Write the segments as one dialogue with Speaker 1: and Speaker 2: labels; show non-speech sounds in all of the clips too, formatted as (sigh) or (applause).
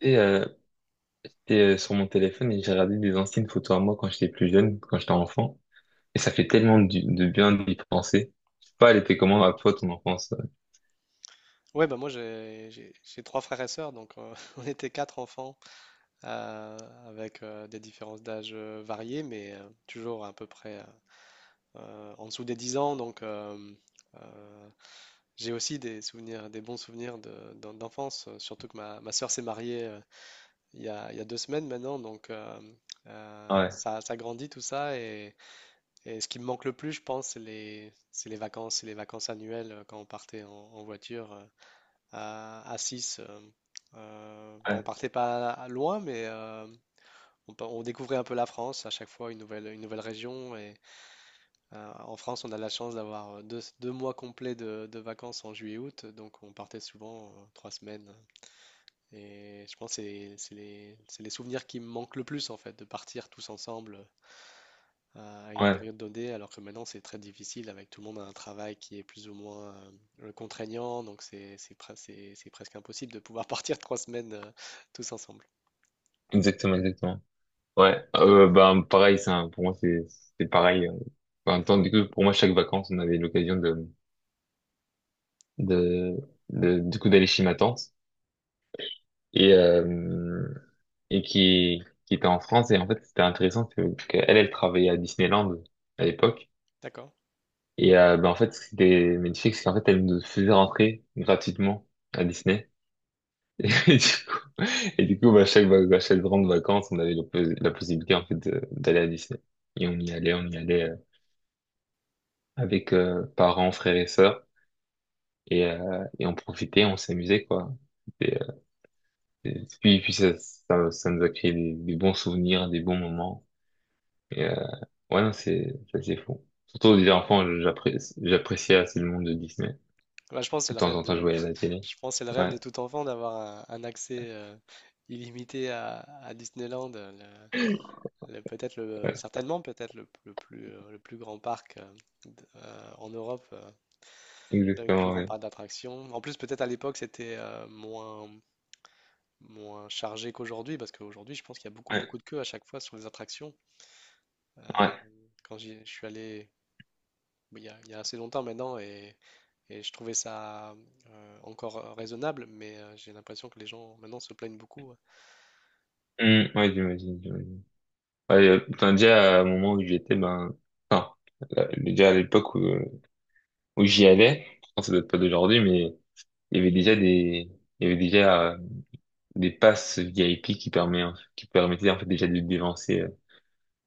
Speaker 1: Et euh, j'étais sur mon téléphone et j'ai regardé des anciennes photos à moi quand j'étais plus jeune, quand j'étais enfant. Et ça fait tellement de bien d'y penser. Je sais pas, elle était comment à toi, ton enfance?
Speaker 2: Ouais, bah moi j'ai trois frères et sœurs, donc (laughs) on était quatre enfants euh, avec des différences d'âge variées, mais toujours à peu près en dessous des 10 ans. Donc euh, j'ai aussi des souvenirs, des bons souvenirs d'enfance, surtout que ma sœur s'est mariée il y a 2 semaines maintenant, donc
Speaker 1: Ouais,
Speaker 2: ça, ça grandit tout ça. Et ce qui me manque le plus, je pense, c'est les vacances annuelles quand on partait en voiture, à 6. Bon, on
Speaker 1: ouais,
Speaker 2: partait pas loin, mais on découvrait un peu la France, à chaque fois une nouvelle région. Et en France, on a la chance d'avoir deux mois complets de vacances en juillet-août, donc on partait souvent 3 semaines. Et je pense que c'est les souvenirs qui me manquent le plus, en fait, de partir tous ensemble à une
Speaker 1: ouais,
Speaker 2: période donnée, alors que maintenant c'est très difficile avec tout le monde a un travail qui est plus ou moins contraignant, donc c'est presque impossible de pouvoir (laughs) partir 3 semaines tous ensemble.
Speaker 1: exactement, exactement. Ouais, bah, pareil, pour moi, c'est pareil. Enfin, en même temps, du coup, pour moi, chaque vacances, on avait l'occasion de, du coup, d'aller chez ma tante et, euh, et qui était en France. Et en fait, c'était intéressant que, qu'elle, elle travaillait à Disneyland à l'époque.
Speaker 2: D'accord.
Speaker 1: Et ben, en fait, ce qui était magnifique, c'est qu'en fait, elle nous faisait rentrer gratuitement à Disney. (laughs) Et du coup, et du coup, bah, à chaque grande vacances, on avait la possibilité en fait d'aller à Disney. Et on y allait avec parents, frères et sœurs. Et on profitait, on s'amusait, quoi. Et, euh, et puis, ça, ça, ça nous a créé des bons souvenirs, des bons moments. Et euh, ouais, non, c'est ça, c'est fou. Surtout déjà enfant, j'appréciais assez le monde de Disney.
Speaker 2: Bah, je pense que c'est
Speaker 1: Que de
Speaker 2: le
Speaker 1: temps
Speaker 2: rêve
Speaker 1: en temps, je
Speaker 2: de,
Speaker 1: voyais à la
Speaker 2: (laughs)
Speaker 1: télé.
Speaker 2: je pense que c'est le rêve
Speaker 1: Ouais.
Speaker 2: de tout enfant d'avoir un accès illimité à Disneyland, peut-être le, certainement peut-être le plus le plus grand parc en Europe, le plus
Speaker 1: Exactement,
Speaker 2: grand
Speaker 1: ouais.
Speaker 2: parc d'attractions. En plus, peut-être à l'époque c'était moins chargé qu'aujourd'hui, parce qu'aujourd'hui, je pense qu'il y a beaucoup,
Speaker 1: Ouais,
Speaker 2: beaucoup de queues à chaque fois sur les attractions. Euh,
Speaker 1: ouais.
Speaker 2: quand je suis allé bah, il y a assez longtemps maintenant, et je trouvais ça encore raisonnable, mais j'ai l'impression que les gens maintenant se plaignent beaucoup. Ouais.
Speaker 1: Ouais, j'imagine, j'imagine. Ouais, putain, déjà, à un moment où j'étais, ben, enfin, là, déjà à l'époque où, où j'y allais, enfin, ça date pas d'aujourd'hui, mais il y avait déjà des, il y avait déjà des passes VIP qui permettaient, en fait, déjà de dévancer euh,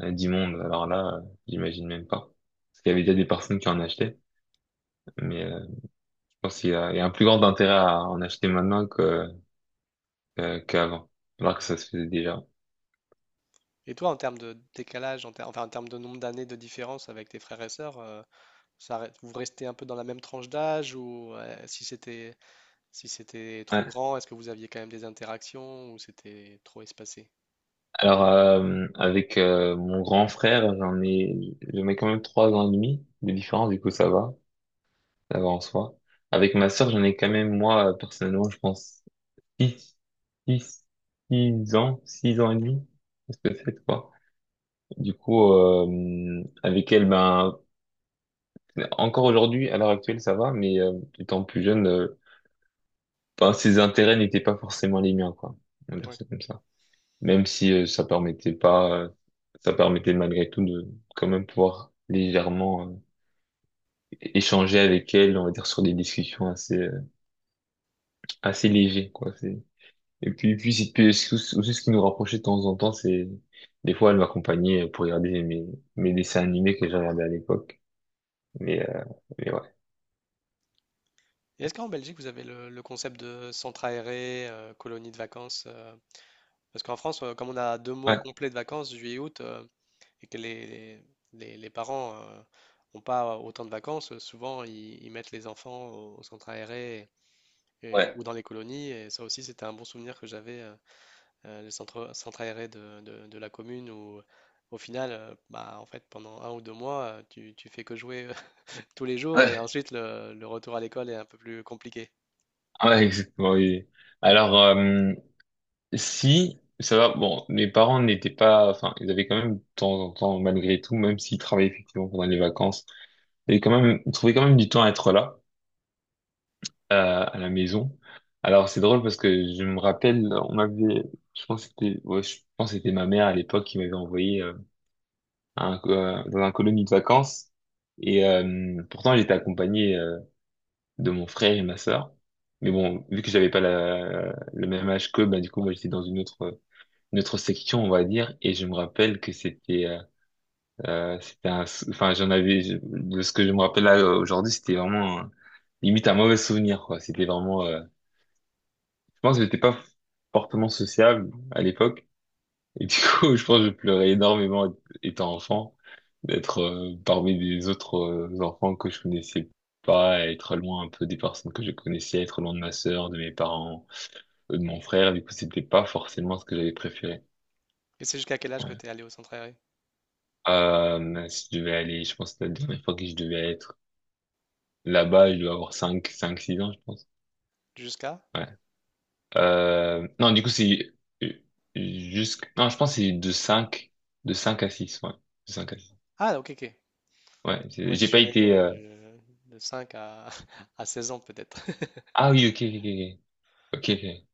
Speaker 1: euh, du monde. Alors là, j'imagine même pas. Parce qu'il y avait déjà des personnes qui en achetaient, mais je pense qu'il y a, il y a un plus grand intérêt à en acheter maintenant que, qu'avant. Alors que ça se faisait déjà.
Speaker 2: Et toi, en termes de décalage, enfin en termes de nombre d'années de différence avec tes frères et sœurs, vous restez un peu dans la même tranche d'âge, ou si c'était trop
Speaker 1: Ouais.
Speaker 2: grand, est-ce que vous aviez quand même des interactions, ou c'était trop espacé?
Speaker 1: Alors, avec mon grand frère, j'en ai quand même trois ans et demi de différence, du coup ça va en soi. Avec ma sœur, j'en ai quand même, moi, personnellement, je pense, six, six, six ans et demi, parce que c'est quoi. Du coup, avec elle, ben, encore aujourd'hui, à l'heure actuelle, ça va, mais étant plus jeune, ben, ses intérêts n'étaient pas forcément les miens, quoi. On va dire ça comme ça. Même si ça permettait pas, ça permettait malgré tout de quand même pouvoir légèrement échanger avec elle, on va dire sur des discussions assez assez légères quoi. C'est... Et puis aussi ce qui nous rapprochait de temps en temps, c'est des fois elle m'accompagnait pour regarder mes dessins animés que j'ai regardés à l'époque. Mais euh, mais ouais
Speaker 2: Et est-ce qu'en Belgique, vous avez le concept de centre aéré, colonie de vacances? Parce qu'en France, comme on a 2 mois
Speaker 1: ouais.
Speaker 2: complets de vacances, juillet, août, et que les parents n'ont pas autant de vacances, souvent ils mettent les enfants au centre aéré
Speaker 1: Ouais,
Speaker 2: ou dans les colonies. Et ça aussi, c'était un bon souvenir que j'avais, le centre aéré de la commune où. Au final, bah, en fait, pendant 1 ou 2 mois, tu fais que jouer (laughs) tous les jours et
Speaker 1: ouais,
Speaker 2: ensuite le retour à l'école est un peu plus compliqué.
Speaker 1: ouais, exactement. Oui. Alors si, ça va, bon, mes parents n'étaient pas, enfin, ils avaient quand même de temps en temps, malgré tout, même s'ils travaillaient effectivement pendant les vacances, ils avaient quand même, ils trouvaient quand même du temps à être là, à la maison. Alors, c'est drôle parce que je me rappelle, on m'avait, je pense que c'était, ouais, je pense que c'était ma mère à l'époque qui m'avait envoyé, à un, dans un colonie de vacances. Pourtant, j'étais accompagné, de mon frère et ma sœur. Mais bon, vu que j'avais pas la, le même âge qu'eux, bah, du coup, moi, j'étais dans une autre, notre section, on va dire, et je me rappelle que c'était, c'était un, enfin, j'en avais, de ce que je me rappelle là aujourd'hui, c'était vraiment limite un mauvais souvenir, quoi. C'était vraiment, je pense que j'étais pas fortement sociable à l'époque, et du (laughs) coup, je pense que je pleurais énormément étant enfant, d'être parmi des autres enfants que je connaissais pas, être loin un peu des personnes que je connaissais, être loin de ma sœur, de mes parents, de mon frère, du coup, c'était pas forcément ce que j'avais préféré.
Speaker 2: Et c'est jusqu'à quel âge que
Speaker 1: Ouais.
Speaker 2: tu es allé au centre aéré?
Speaker 1: Mince, je devais aller, je pense, que la dernière fois que je devais être là-bas, je dois avoir 5 5 6 ans, je pense.
Speaker 2: Jusqu'à?
Speaker 1: Ouais. Non, du coup, c'est euh, jusqu', non, je pense que c'est de 5 à 6 ouais. De 5 à six.
Speaker 2: Ah, ok, ok.
Speaker 1: Ouais,
Speaker 2: Moi, j'y
Speaker 1: j'ai pas
Speaker 2: suis allé
Speaker 1: été,
Speaker 2: de, de 5 (laughs) à 16 ans, peut-être. (laughs)
Speaker 1: ah oui, ok, ok, ok, ok. Ok.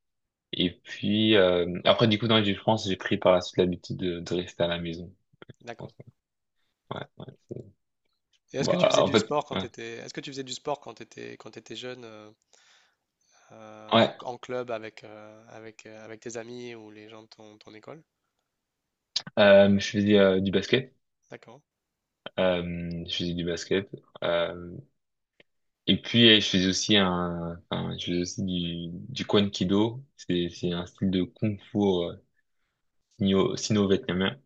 Speaker 1: Et puis, après, du coup, dans les France, j'ai pris par la suite l'habitude de rester à la maison. Je pense.
Speaker 2: D'accord.
Speaker 1: Ouais, ouais,
Speaker 2: Et est-ce que tu
Speaker 1: bah,
Speaker 2: faisais
Speaker 1: en
Speaker 2: du
Speaker 1: fait,
Speaker 2: sport quand tu
Speaker 1: ouais.
Speaker 2: étais, est-ce que tu faisais du sport quand tu jeune, en,
Speaker 1: Ouais,
Speaker 2: en club avec tes amis ou les gens de ton école?
Speaker 1: je faisais du basket.
Speaker 2: D'accord.
Speaker 1: Euh, je faisais du basket. Euh, Et puis, je faisais aussi un, enfin, je faisais aussi du Kwan Kido. C'est un style de kung fu sino-vietnamien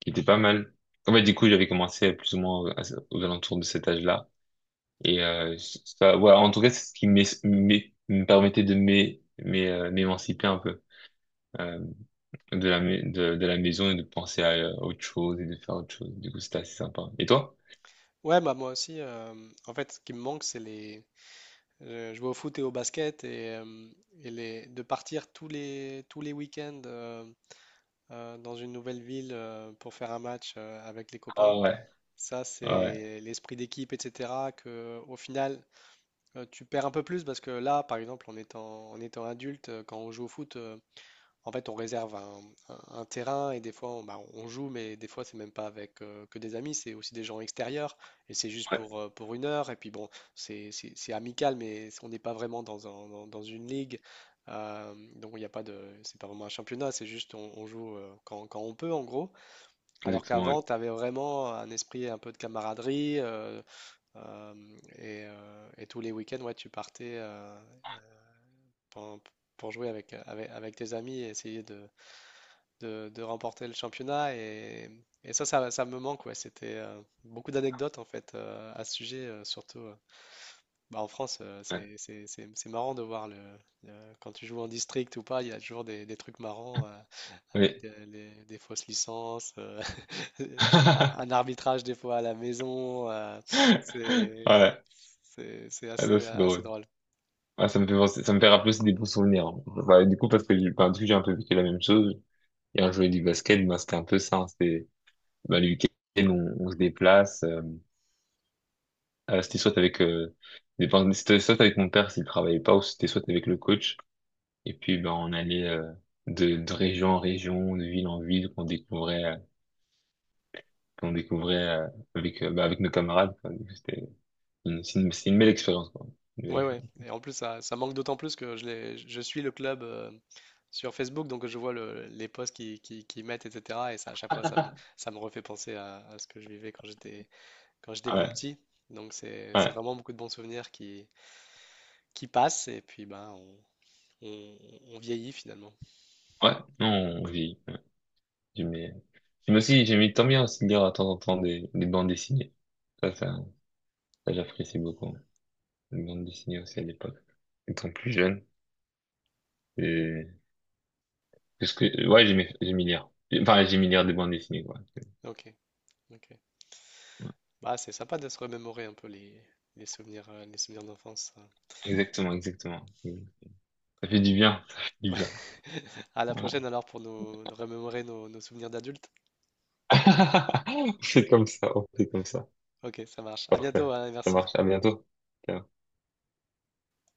Speaker 1: qui était pas mal. En fait, du coup, j'avais commencé plus ou moins aux alentours de cet âge-là. Et ça, ouais, en tout cas, c'est ce qui me permettait de m'émanciper un peu euh, de la, de la maison et de penser à autre chose et de faire autre chose. Du coup, c'était assez sympa. Et toi?
Speaker 2: Ouais, bah moi aussi, en fait, ce qui me manque, c'est les. Je vais au foot et au basket de partir tous les week-ends dans une nouvelle ville pour faire un match avec les copains.
Speaker 1: Ah ouais,
Speaker 2: Ça,
Speaker 1: ouais,
Speaker 2: c'est l'esprit d'équipe, etc. Que, au final, tu perds un peu plus parce que là, par exemple, en étant adulte, quand on joue au foot, en fait, on réserve un terrain et des fois, bah, on joue, mais des fois, c'est même pas avec que des amis, c'est aussi des gens extérieurs et c'est juste pour,
Speaker 1: ouais,
Speaker 2: euh, pour une heure. Et puis bon, c'est amical, mais on n'est pas vraiment dans une ligue. Donc, il n'y a pas de, c'est pas vraiment un championnat, c'est juste on joue quand on peut, en gros. Alors
Speaker 1: exactement, ouais.
Speaker 2: qu'avant, tu avais vraiment un esprit un peu de camaraderie euh, et tous les week-ends, ouais, tu partais pour, pour jouer avec tes amis et essayer de remporter le championnat. Et ça, ça, ça me manque, ouais. C'était beaucoup d'anecdotes en fait à ce sujet, surtout. Bah, en France,
Speaker 1: Ouais.
Speaker 2: c'est marrant de voir le- quand tu joues en district ou pas, il y a toujours des trucs marrants
Speaker 1: Oui.
Speaker 2: avec des fausses licences, (laughs) un
Speaker 1: (laughs)
Speaker 2: arbitrage des fois à la maison. C'est
Speaker 1: Ouais.
Speaker 2: c'est
Speaker 1: Ah non,
Speaker 2: assez,
Speaker 1: c'est
Speaker 2: assez
Speaker 1: drôle.
Speaker 2: drôle.
Speaker 1: Ah, ça me fait ça me fait rappeler aussi des bons souvenirs, hein. Enfin, du coup, parce que, enfin, du coup, j'ai un peu vécu la même chose. Et un jouer du basket, ben, c'était un peu ça, hein. C'était, ben, le week-end, on se déplace. C'était soit avec, enfin, c'était soit avec mon père s'il travaillait pas, ou c'était soit avec le coach. Et puis, ben, on allait, de région en région, de ville en ville, qu'on découvrait, avec, ben, avec nos camarades, quoi. Du coup, c'était c'est une belle expérience, quoi. Une belle
Speaker 2: Ouais, ouais.
Speaker 1: expérience.
Speaker 2: Et en plus, ça manque d'autant plus que je suis le club sur Facebook, donc je vois les posts qu'ils mettent, etc. Et ça, à chaque fois, ça me refait penser à ce que je vivais quand j'étais
Speaker 1: Ah ouais,
Speaker 2: plus petit. Donc c'est
Speaker 1: ouais,
Speaker 2: vraiment beaucoup de bons souvenirs qui passent et puis ben on, on vieillit finalement.
Speaker 1: ouais. Non, on vit. J'aimais j'aimais tant bien aussi lire à temps en temps des bandes dessinées. Ça, ça, ça, j'apprécie beaucoup. Les bandes dessinées aussi à l'époque. Étant plus jeune. Et... Parce que, ouais, j'aimais, j'aimais lire. Enfin, j'aimais lire des bandes dessinées, quoi.
Speaker 2: Ok, ok. Bah c'est sympa de se remémorer un peu les souvenirs d'enfance, hein.
Speaker 1: Exactement, exactement. Ça fait du bien, ça fait du
Speaker 2: Ouais.
Speaker 1: bien.
Speaker 2: (laughs) À la
Speaker 1: Voilà.
Speaker 2: prochaine alors pour nous, nous remémorer nos souvenirs d'adultes.
Speaker 1: (laughs) On fait comme ça, on fait comme ça.
Speaker 2: Ok, ça marche. À
Speaker 1: Parfait.
Speaker 2: bientôt, hein, et
Speaker 1: Ça
Speaker 2: merci.
Speaker 1: marche. À bientôt. Ciao.